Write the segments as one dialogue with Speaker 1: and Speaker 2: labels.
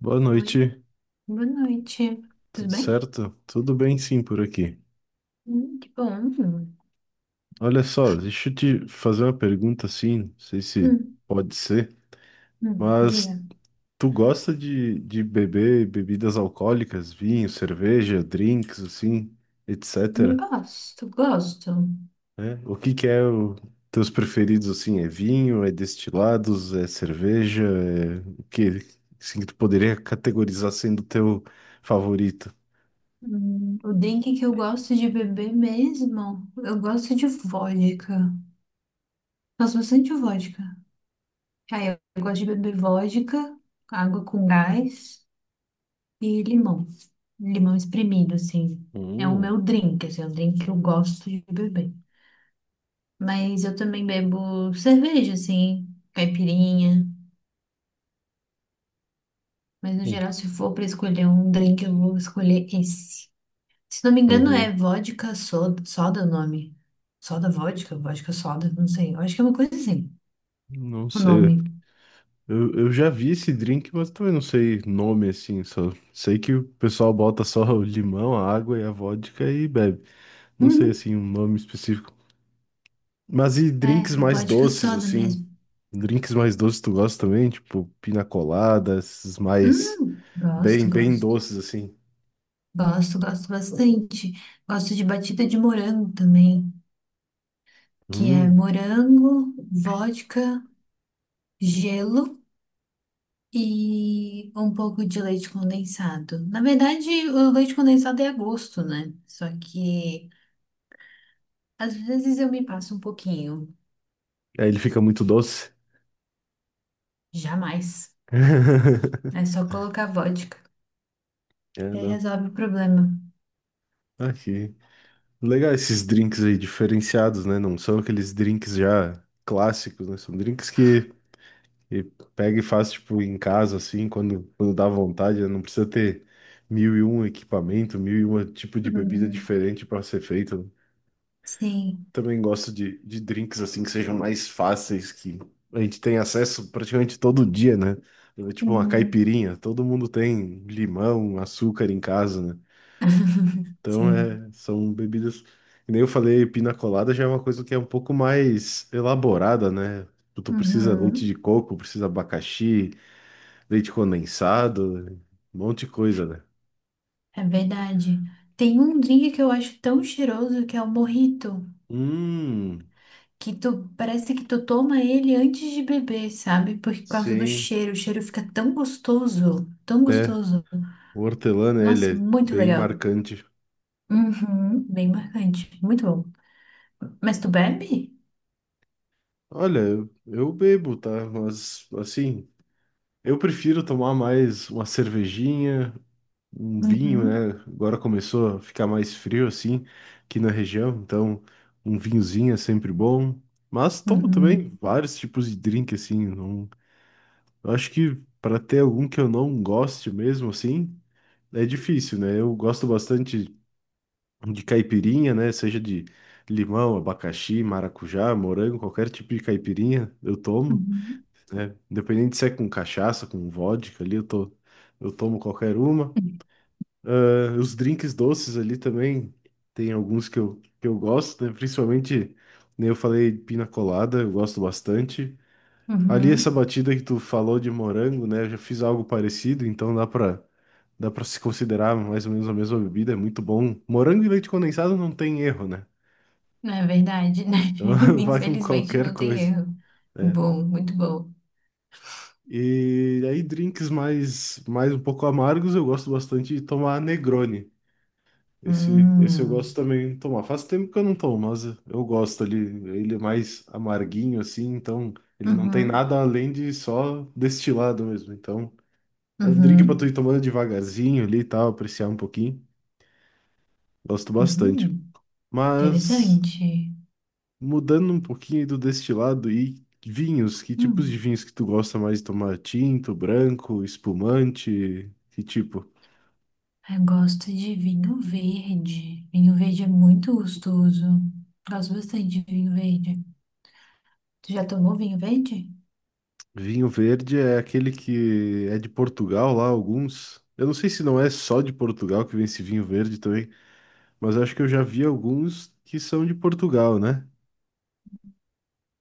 Speaker 1: Boa
Speaker 2: Oi,
Speaker 1: noite,
Speaker 2: boa noite. Tudo
Speaker 1: tudo
Speaker 2: bem?
Speaker 1: certo? Tudo bem, sim, por aqui.
Speaker 2: Que bom.
Speaker 1: Olha só, deixa eu te fazer uma pergunta assim, não sei se
Speaker 2: Hum,
Speaker 1: pode ser,
Speaker 2: Diga.
Speaker 1: mas tu gosta de beber bebidas alcoólicas, vinho, cerveja, drinks, assim, etcétera,
Speaker 2: Gosto.
Speaker 1: né? O que que é o teus preferidos, assim, é vinho, é destilados, é cerveja, é o que, assim, que tu poderia categorizar sendo teu favorito?
Speaker 2: O drink que eu gosto de beber mesmo, eu gosto de vodka. Gosto bastante de vodka. Aí eu gosto de beber vodka, água com gás e limão. Limão espremido, assim. É o
Speaker 1: Hum.
Speaker 2: meu drink, assim, é o drink que eu gosto de beber. Mas eu também bebo cerveja, assim, caipirinha. Mas no geral, se for pra escolher um drink, eu vou escolher esse. Se não me engano,
Speaker 1: Uhum.
Speaker 2: é vodka soda, soda o nome. Soda vodka, vodka soda, não sei. Eu acho que é uma coisa assim,
Speaker 1: Não
Speaker 2: o
Speaker 1: sei.
Speaker 2: nome.
Speaker 1: Eu já vi esse drink, mas também não sei nome assim, só sei que o pessoal bota só o limão, a água e a vodka e bebe. Não sei
Speaker 2: Uhum.
Speaker 1: assim um nome específico. Mas e drinks
Speaker 2: É, é
Speaker 1: mais
Speaker 2: vodka
Speaker 1: doces
Speaker 2: soda
Speaker 1: assim?
Speaker 2: mesmo.
Speaker 1: Drinks mais doces tu gosta também? Tipo pina colada, esses mais bem
Speaker 2: Gosto,
Speaker 1: bem
Speaker 2: gosto.
Speaker 1: doces assim.
Speaker 2: Gosto, gosto bastante. Gosto de batida de morango também, que é
Speaker 1: Hum.
Speaker 2: morango, vodka, gelo. E um pouco de leite condensado. Na verdade, o leite condensado é a gosto, né? Só que às vezes eu me passo um pouquinho.
Speaker 1: Aí ele fica muito doce.
Speaker 2: Jamais. É só colocar vodka. E
Speaker 1: É,
Speaker 2: aí
Speaker 1: não.
Speaker 2: resolve o problema.
Speaker 1: Aqui. Legal esses drinks aí diferenciados, né? Não são aqueles drinks já clássicos, né? São drinks que. E pega e faz, tipo, em casa, assim, quando, dá vontade, né? Não precisa ter mil e um equipamento, mil e um tipo de bebida
Speaker 2: Uhum.
Speaker 1: diferente para ser feito, né?
Speaker 2: Sim.
Speaker 1: Também gosto de drinks, assim, que sejam mais fáceis, que a gente tem acesso praticamente todo dia, né? É, tipo uma
Speaker 2: Uhum.
Speaker 1: caipirinha, todo mundo tem limão, açúcar em casa, né? Então,
Speaker 2: Sim.
Speaker 1: é, são bebidas que, nem eu falei, pina colada já é uma coisa que é um pouco mais elaborada, né? Tu precisa leite
Speaker 2: Uhum.
Speaker 1: de coco, precisa abacaxi, leite condensado, um monte de coisa, né?
Speaker 2: É verdade. Tem um drink que eu acho tão cheiroso que é o mojito.
Speaker 1: Hum,
Speaker 2: Que tu parece que tu toma ele antes de beber, sabe? Por causa do
Speaker 1: sim,
Speaker 2: cheiro, o cheiro fica tão gostoso, tão
Speaker 1: é.
Speaker 2: gostoso.
Speaker 1: O hortelã, né, ele
Speaker 2: Nossa,
Speaker 1: é
Speaker 2: muito
Speaker 1: bem
Speaker 2: legal.
Speaker 1: marcante.
Speaker 2: Uhum, bem marcante, muito bom. Mas tu bebe?
Speaker 1: Olha, eu bebo, tá? Mas, assim, eu prefiro tomar mais uma cervejinha, um vinho,
Speaker 2: Uhum,
Speaker 1: né? Agora começou a ficar mais frio, assim, aqui na região, então um vinhozinho é sempre bom. Mas tomo também
Speaker 2: uhum,
Speaker 1: vários tipos de drink, assim. Não... Eu acho que para ter algum que eu não goste mesmo, assim. É difícil, né? Eu gosto bastante de caipirinha, né? Seja de limão, abacaxi, maracujá, morango, qualquer tipo de caipirinha eu tomo,
Speaker 2: uhum,
Speaker 1: né? Independente se é com cachaça, com vodka ali, eu tomo qualquer uma. Ah, os drinks doces ali também, tem alguns que eu gosto, né? Principalmente, né, eu falei pina colada, eu gosto bastante. Ali essa
Speaker 2: uhum.
Speaker 1: batida que tu falou de morango, né? Eu já fiz algo parecido, então dá pra se considerar mais ou menos a mesma bebida, é muito bom. Morango e leite condensado não tem erro, né?
Speaker 2: Não é verdade, né?
Speaker 1: Então vai com
Speaker 2: Infelizmente
Speaker 1: qualquer
Speaker 2: não tem
Speaker 1: coisa,
Speaker 2: erro.
Speaker 1: né?
Speaker 2: Bom, muito bom.
Speaker 1: E aí drinks mais um pouco amargos, eu gosto bastante de tomar Negroni. Esse eu gosto
Speaker 2: Hum,
Speaker 1: também de tomar. Faz tempo que eu não tomo, mas eu gosto ali. Ele é mais amarguinho assim, então ele não tem
Speaker 2: uhum,
Speaker 1: nada além de só destilado mesmo. Então é um drink pra tu
Speaker 2: uhum,
Speaker 1: ir tomando devagarzinho ali e tal, apreciar um pouquinho. Gosto bastante.
Speaker 2: hum,
Speaker 1: Mas
Speaker 2: interessante.
Speaker 1: mudando um pouquinho do destilado e vinhos, que tipos de
Speaker 2: Hum.
Speaker 1: vinhos que tu gosta mais de tomar? Tinto, branco, espumante? Que tipo?
Speaker 2: Eu gosto de vinho verde. Vinho verde é muito gostoso. Gosto bastante de vinho verde. Tu já tomou vinho verde?
Speaker 1: Vinho verde é aquele que é de Portugal lá, alguns. Eu não sei se não é só de Portugal que vem esse vinho verde também, mas acho que eu já vi alguns que são de Portugal, né?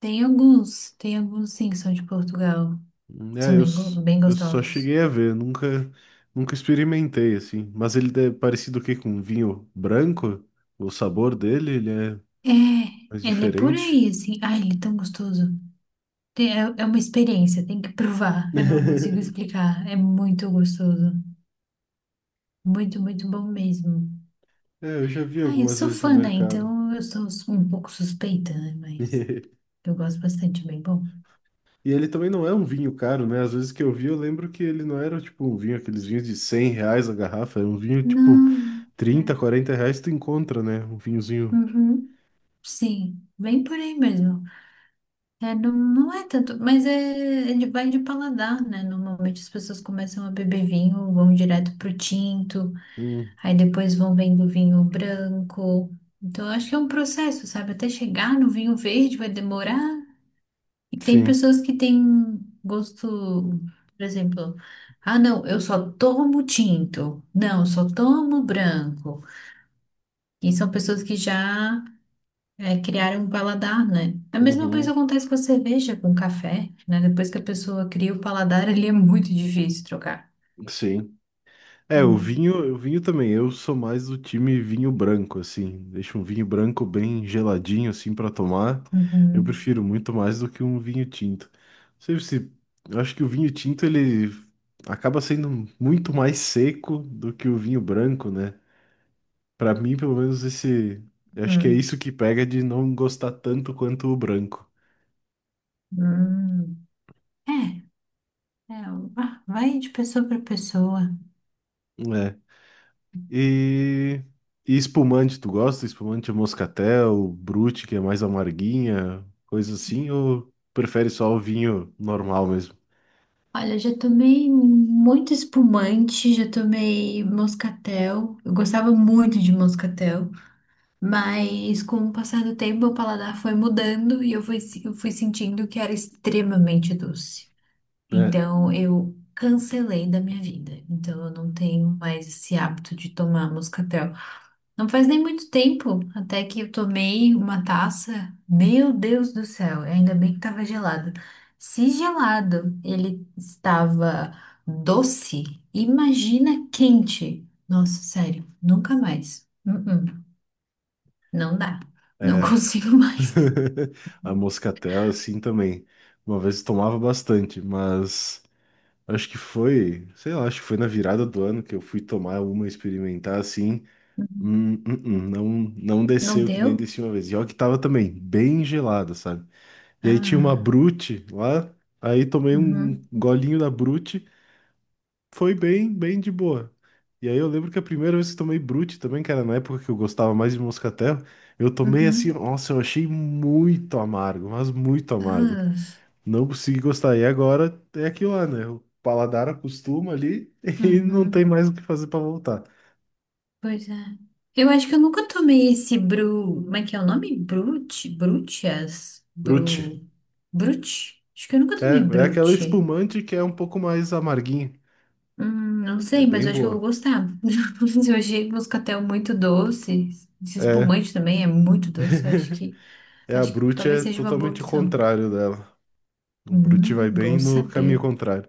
Speaker 2: Tem alguns sim que são de Portugal.
Speaker 1: É,
Speaker 2: São bem, bem
Speaker 1: eu só
Speaker 2: gostosos.
Speaker 1: cheguei a ver, nunca, experimentei assim. Mas ele é parecido o quê com um vinho branco? O sabor dele, ele é
Speaker 2: É,
Speaker 1: mais
Speaker 2: ele é por
Speaker 1: diferente.
Speaker 2: aí, assim. Ai, ele é tão gostoso. É, é uma experiência, tem que provar. Eu não consigo explicar. É muito gostoso. Muito, muito bom mesmo.
Speaker 1: É, eu já vi
Speaker 2: Ai, eu
Speaker 1: algumas
Speaker 2: sou
Speaker 1: vezes no
Speaker 2: fã, né?
Speaker 1: mercado.
Speaker 2: Então eu sou um pouco suspeita, né? Mas eu gosto bastante, é bem bom.
Speaker 1: E ele também não é um vinho caro, né? Às vezes que eu vi, eu lembro que ele não era tipo um vinho, aqueles vinhos de R$ 100 a garrafa, era um vinho tipo
Speaker 2: Não, não.
Speaker 1: 30, 40 reais tu encontra, né? Um
Speaker 2: É.
Speaker 1: vinhozinho.
Speaker 2: Uhum. Sim, bem por aí mesmo. É, não, não é tanto, mas é, vai de paladar, né? Normalmente as pessoas começam a beber vinho, vão direto pro tinto,
Speaker 1: Hum,
Speaker 2: aí depois vão vendo vinho branco. Então, eu acho que é um processo, sabe? Até chegar no vinho verde vai demorar. E tem
Speaker 1: sim.
Speaker 2: pessoas que têm gosto, por exemplo, ah, não, eu só tomo tinto. Não, eu só tomo branco. E são pessoas que já é criar um paladar, né? A mesma coisa
Speaker 1: Uhum,
Speaker 2: acontece com a cerveja, com o café, né? Depois que a pessoa cria o paladar, ele é muito difícil trocar.
Speaker 1: sim. É, o
Speaker 2: Hum.
Speaker 1: vinho, o vinho também. Eu sou mais do time vinho branco, assim. Deixa um vinho branco bem geladinho, assim, pra tomar. Eu
Speaker 2: Uhum.
Speaker 1: prefiro muito mais do que um vinho tinto. Não sei se, eu acho que o vinho tinto, ele acaba sendo muito mais seco do que o vinho branco, né? Pra mim, pelo menos esse, eu acho que é
Speaker 2: Hum.
Speaker 1: isso que pega de não gostar tanto quanto o branco.
Speaker 2: Hum. É, é, ah, vai de pessoa para pessoa.
Speaker 1: É. E, e espumante, tu gosta? Espumante moscatel, brute, que é mais amarguinha, coisa assim, ou prefere só o vinho normal mesmo?
Speaker 2: Olha, já tomei muito espumante, já tomei moscatel. Eu gostava muito de moscatel, mas com o passar do tempo, o paladar foi mudando e eu fui sentindo que era extremamente doce.
Speaker 1: É,
Speaker 2: Então eu cancelei da minha vida. Então eu não tenho mais esse hábito de tomar moscatel. Não faz nem muito tempo até que eu tomei uma taça. Meu Deus do céu, ainda bem que estava gelado. Se gelado ele estava doce, imagina quente. Nossa, sério, nunca mais. Uh-uh, não dá. Não
Speaker 1: é.
Speaker 2: consigo mais.
Speaker 1: A moscatel, assim também. Uma vez eu tomava bastante, mas acho que foi, sei lá, acho que foi na virada do ano que eu fui tomar uma, experimentar assim. Não, não
Speaker 2: Não
Speaker 1: desceu que nem
Speaker 2: deu?
Speaker 1: desci uma vez. E olha que tava também bem gelada, sabe? E aí tinha uma
Speaker 2: Ah,
Speaker 1: Brute lá, aí tomei um
Speaker 2: uhum,
Speaker 1: golinho da Brute, foi bem, bem de boa. E aí eu lembro que a primeira vez que tomei Brute também, que era na época que eu gostava mais de moscatel, eu tomei assim,
Speaker 2: uhum,
Speaker 1: nossa, eu achei muito amargo, mas muito amargo.
Speaker 2: ah,
Speaker 1: Não consegui gostar. E agora é aquilo lá, né? O paladar acostuma ali e não tem
Speaker 2: uhum.
Speaker 1: mais o que fazer pra voltar.
Speaker 2: Pois é. Eu acho que eu nunca tomei esse Bru. Como é que é o nome? Brute? Brutias? Bru.
Speaker 1: Brute.
Speaker 2: Brute? Acho que eu nunca tomei
Speaker 1: É, é aquela
Speaker 2: Brute.
Speaker 1: espumante que é um pouco mais amarguinha.
Speaker 2: Não
Speaker 1: É
Speaker 2: sei, mas
Speaker 1: bem
Speaker 2: eu acho que eu vou
Speaker 1: boa.
Speaker 2: gostar. Eu achei moscatel muito doce. Esse
Speaker 1: É.
Speaker 2: espumante também é muito doce. Eu
Speaker 1: É, a
Speaker 2: acho que
Speaker 1: Brute
Speaker 2: talvez
Speaker 1: é
Speaker 2: seja uma boa
Speaker 1: totalmente o
Speaker 2: opção.
Speaker 1: contrário dela. O Brute vai bem
Speaker 2: Bom
Speaker 1: no caminho
Speaker 2: saber.
Speaker 1: contrário.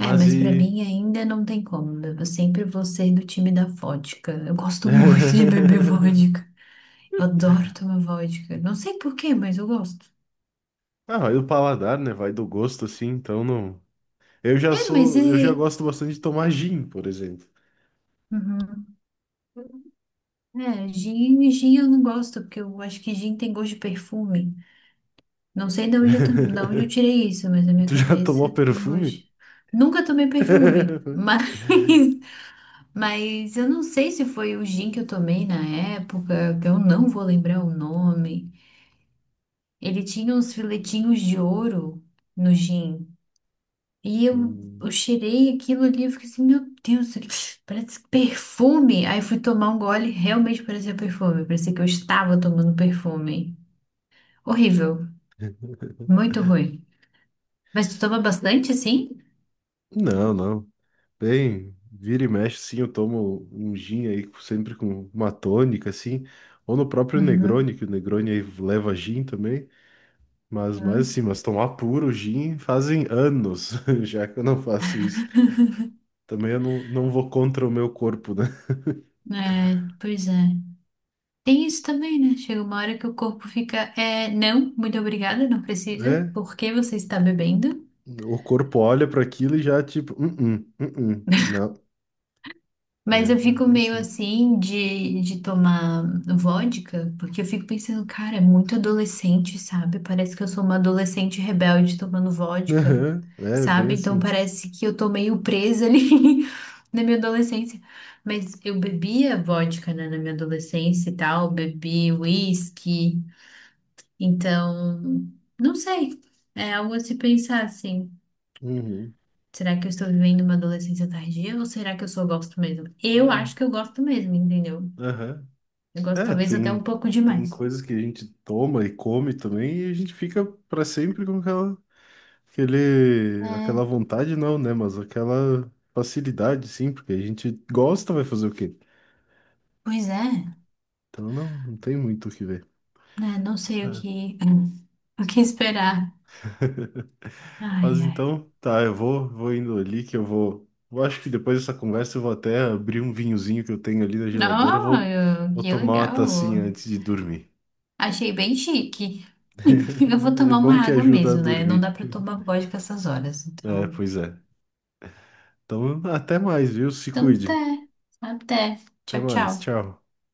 Speaker 2: É, mas pra
Speaker 1: e.
Speaker 2: mim ainda não tem como, né? Eu sempre vou ser do time da vodka. Eu gosto muito de beber vodka. Adoro tomar vodka. Não sei por quê, mas eu gosto.
Speaker 1: Ah, vai do paladar, né? Vai do gosto, assim, então não. Eu já
Speaker 2: É, mas
Speaker 1: sou. Eu já
Speaker 2: é.
Speaker 1: gosto bastante de tomar gin, por exemplo.
Speaker 2: Uhum. É, gin eu não gosto, porque eu acho que gin tem gosto de perfume. Não sei de onde da onde eu tirei isso, mas na minha
Speaker 1: Tu já tomou
Speaker 2: cabeça tem
Speaker 1: perfume?
Speaker 2: gosto. Nunca tomei perfume, mas, mas eu não sei se foi o gin que eu tomei na época, que eu não vou lembrar o nome. Ele tinha uns filetinhos de ouro no gin. E
Speaker 1: Hum.
Speaker 2: eu cheirei aquilo ali, eu fiquei assim, meu Deus, isso aqui parece perfume. Aí eu fui tomar um gole, realmente parecia perfume. Parecia que eu estava tomando perfume. Horrível, muito ruim. Mas tu toma bastante, assim?
Speaker 1: Não, não. Bem, vira e mexe, sim, eu tomo um gin aí, sempre com uma tônica, assim. Ou no próprio
Speaker 2: Uhum.
Speaker 1: Negroni, que o Negroni aí leva gin também. Mas
Speaker 2: Uhum.
Speaker 1: assim, mas tomar puro gin fazem anos, já que eu não faço isso. Também eu não, não vou contra o meu corpo, né?
Speaker 2: É, pois é. Tem isso também, né? Chega uma hora que o corpo fica, é, não, muito obrigada, não precisa.
Speaker 1: É,
Speaker 2: Por que você está bebendo?
Speaker 1: o corpo olha para aquilo e já tipo, uh-uh, uh-uh, não. É,
Speaker 2: Mas eu
Speaker 1: é
Speaker 2: fico
Speaker 1: bem
Speaker 2: meio
Speaker 1: assim.
Speaker 2: assim de tomar vodka, porque eu fico pensando, cara, é muito adolescente, sabe? Parece que eu sou uma adolescente rebelde tomando vodka,
Speaker 1: Aham, é bem
Speaker 2: sabe? Então
Speaker 1: assim.
Speaker 2: parece que eu tô meio presa ali na minha adolescência. Mas eu bebia vodka, né, na minha adolescência e tal, bebi whisky, então, não sei. É algo a se pensar, assim.
Speaker 1: Uhum.
Speaker 2: Será que eu estou vivendo uma adolescência tardia ou será que eu só gosto mesmo? Eu acho
Speaker 1: É,
Speaker 2: que eu gosto mesmo, entendeu?
Speaker 1: aham.
Speaker 2: Eu gosto
Speaker 1: É,
Speaker 2: talvez até um
Speaker 1: tem,
Speaker 2: pouco
Speaker 1: tem
Speaker 2: demais.
Speaker 1: coisas que a gente toma e come também e a gente fica para sempre com aquela, aquele,
Speaker 2: É.
Speaker 1: aquela vontade, não, né? Mas aquela facilidade, sim, porque a gente gosta, vai fazer o quê?
Speaker 2: Pois é,
Speaker 1: Então não, não tem muito o que ver.
Speaker 2: né? Não sei o que, o que esperar. Ai,
Speaker 1: Mas
Speaker 2: ai.
Speaker 1: então, tá, eu vou indo ali que eu vou. Eu acho que depois dessa conversa eu vou até abrir um vinhozinho que eu tenho ali na geladeira, eu vou,
Speaker 2: Oh,
Speaker 1: vou
Speaker 2: que
Speaker 1: tomar uma tacinha
Speaker 2: legal.
Speaker 1: antes de dormir.
Speaker 2: Achei bem chique. Eu vou
Speaker 1: É
Speaker 2: tomar
Speaker 1: bom
Speaker 2: uma
Speaker 1: que
Speaker 2: água
Speaker 1: ajuda a
Speaker 2: mesmo, né? Não dá
Speaker 1: dormir.
Speaker 2: pra tomar vodka essas horas.
Speaker 1: É,
Speaker 2: Então,
Speaker 1: pois é. Então, até mais, viu? Se
Speaker 2: então
Speaker 1: cuide.
Speaker 2: até. Até.
Speaker 1: Até
Speaker 2: Tchau,
Speaker 1: mais,
Speaker 2: tchau.
Speaker 1: tchau.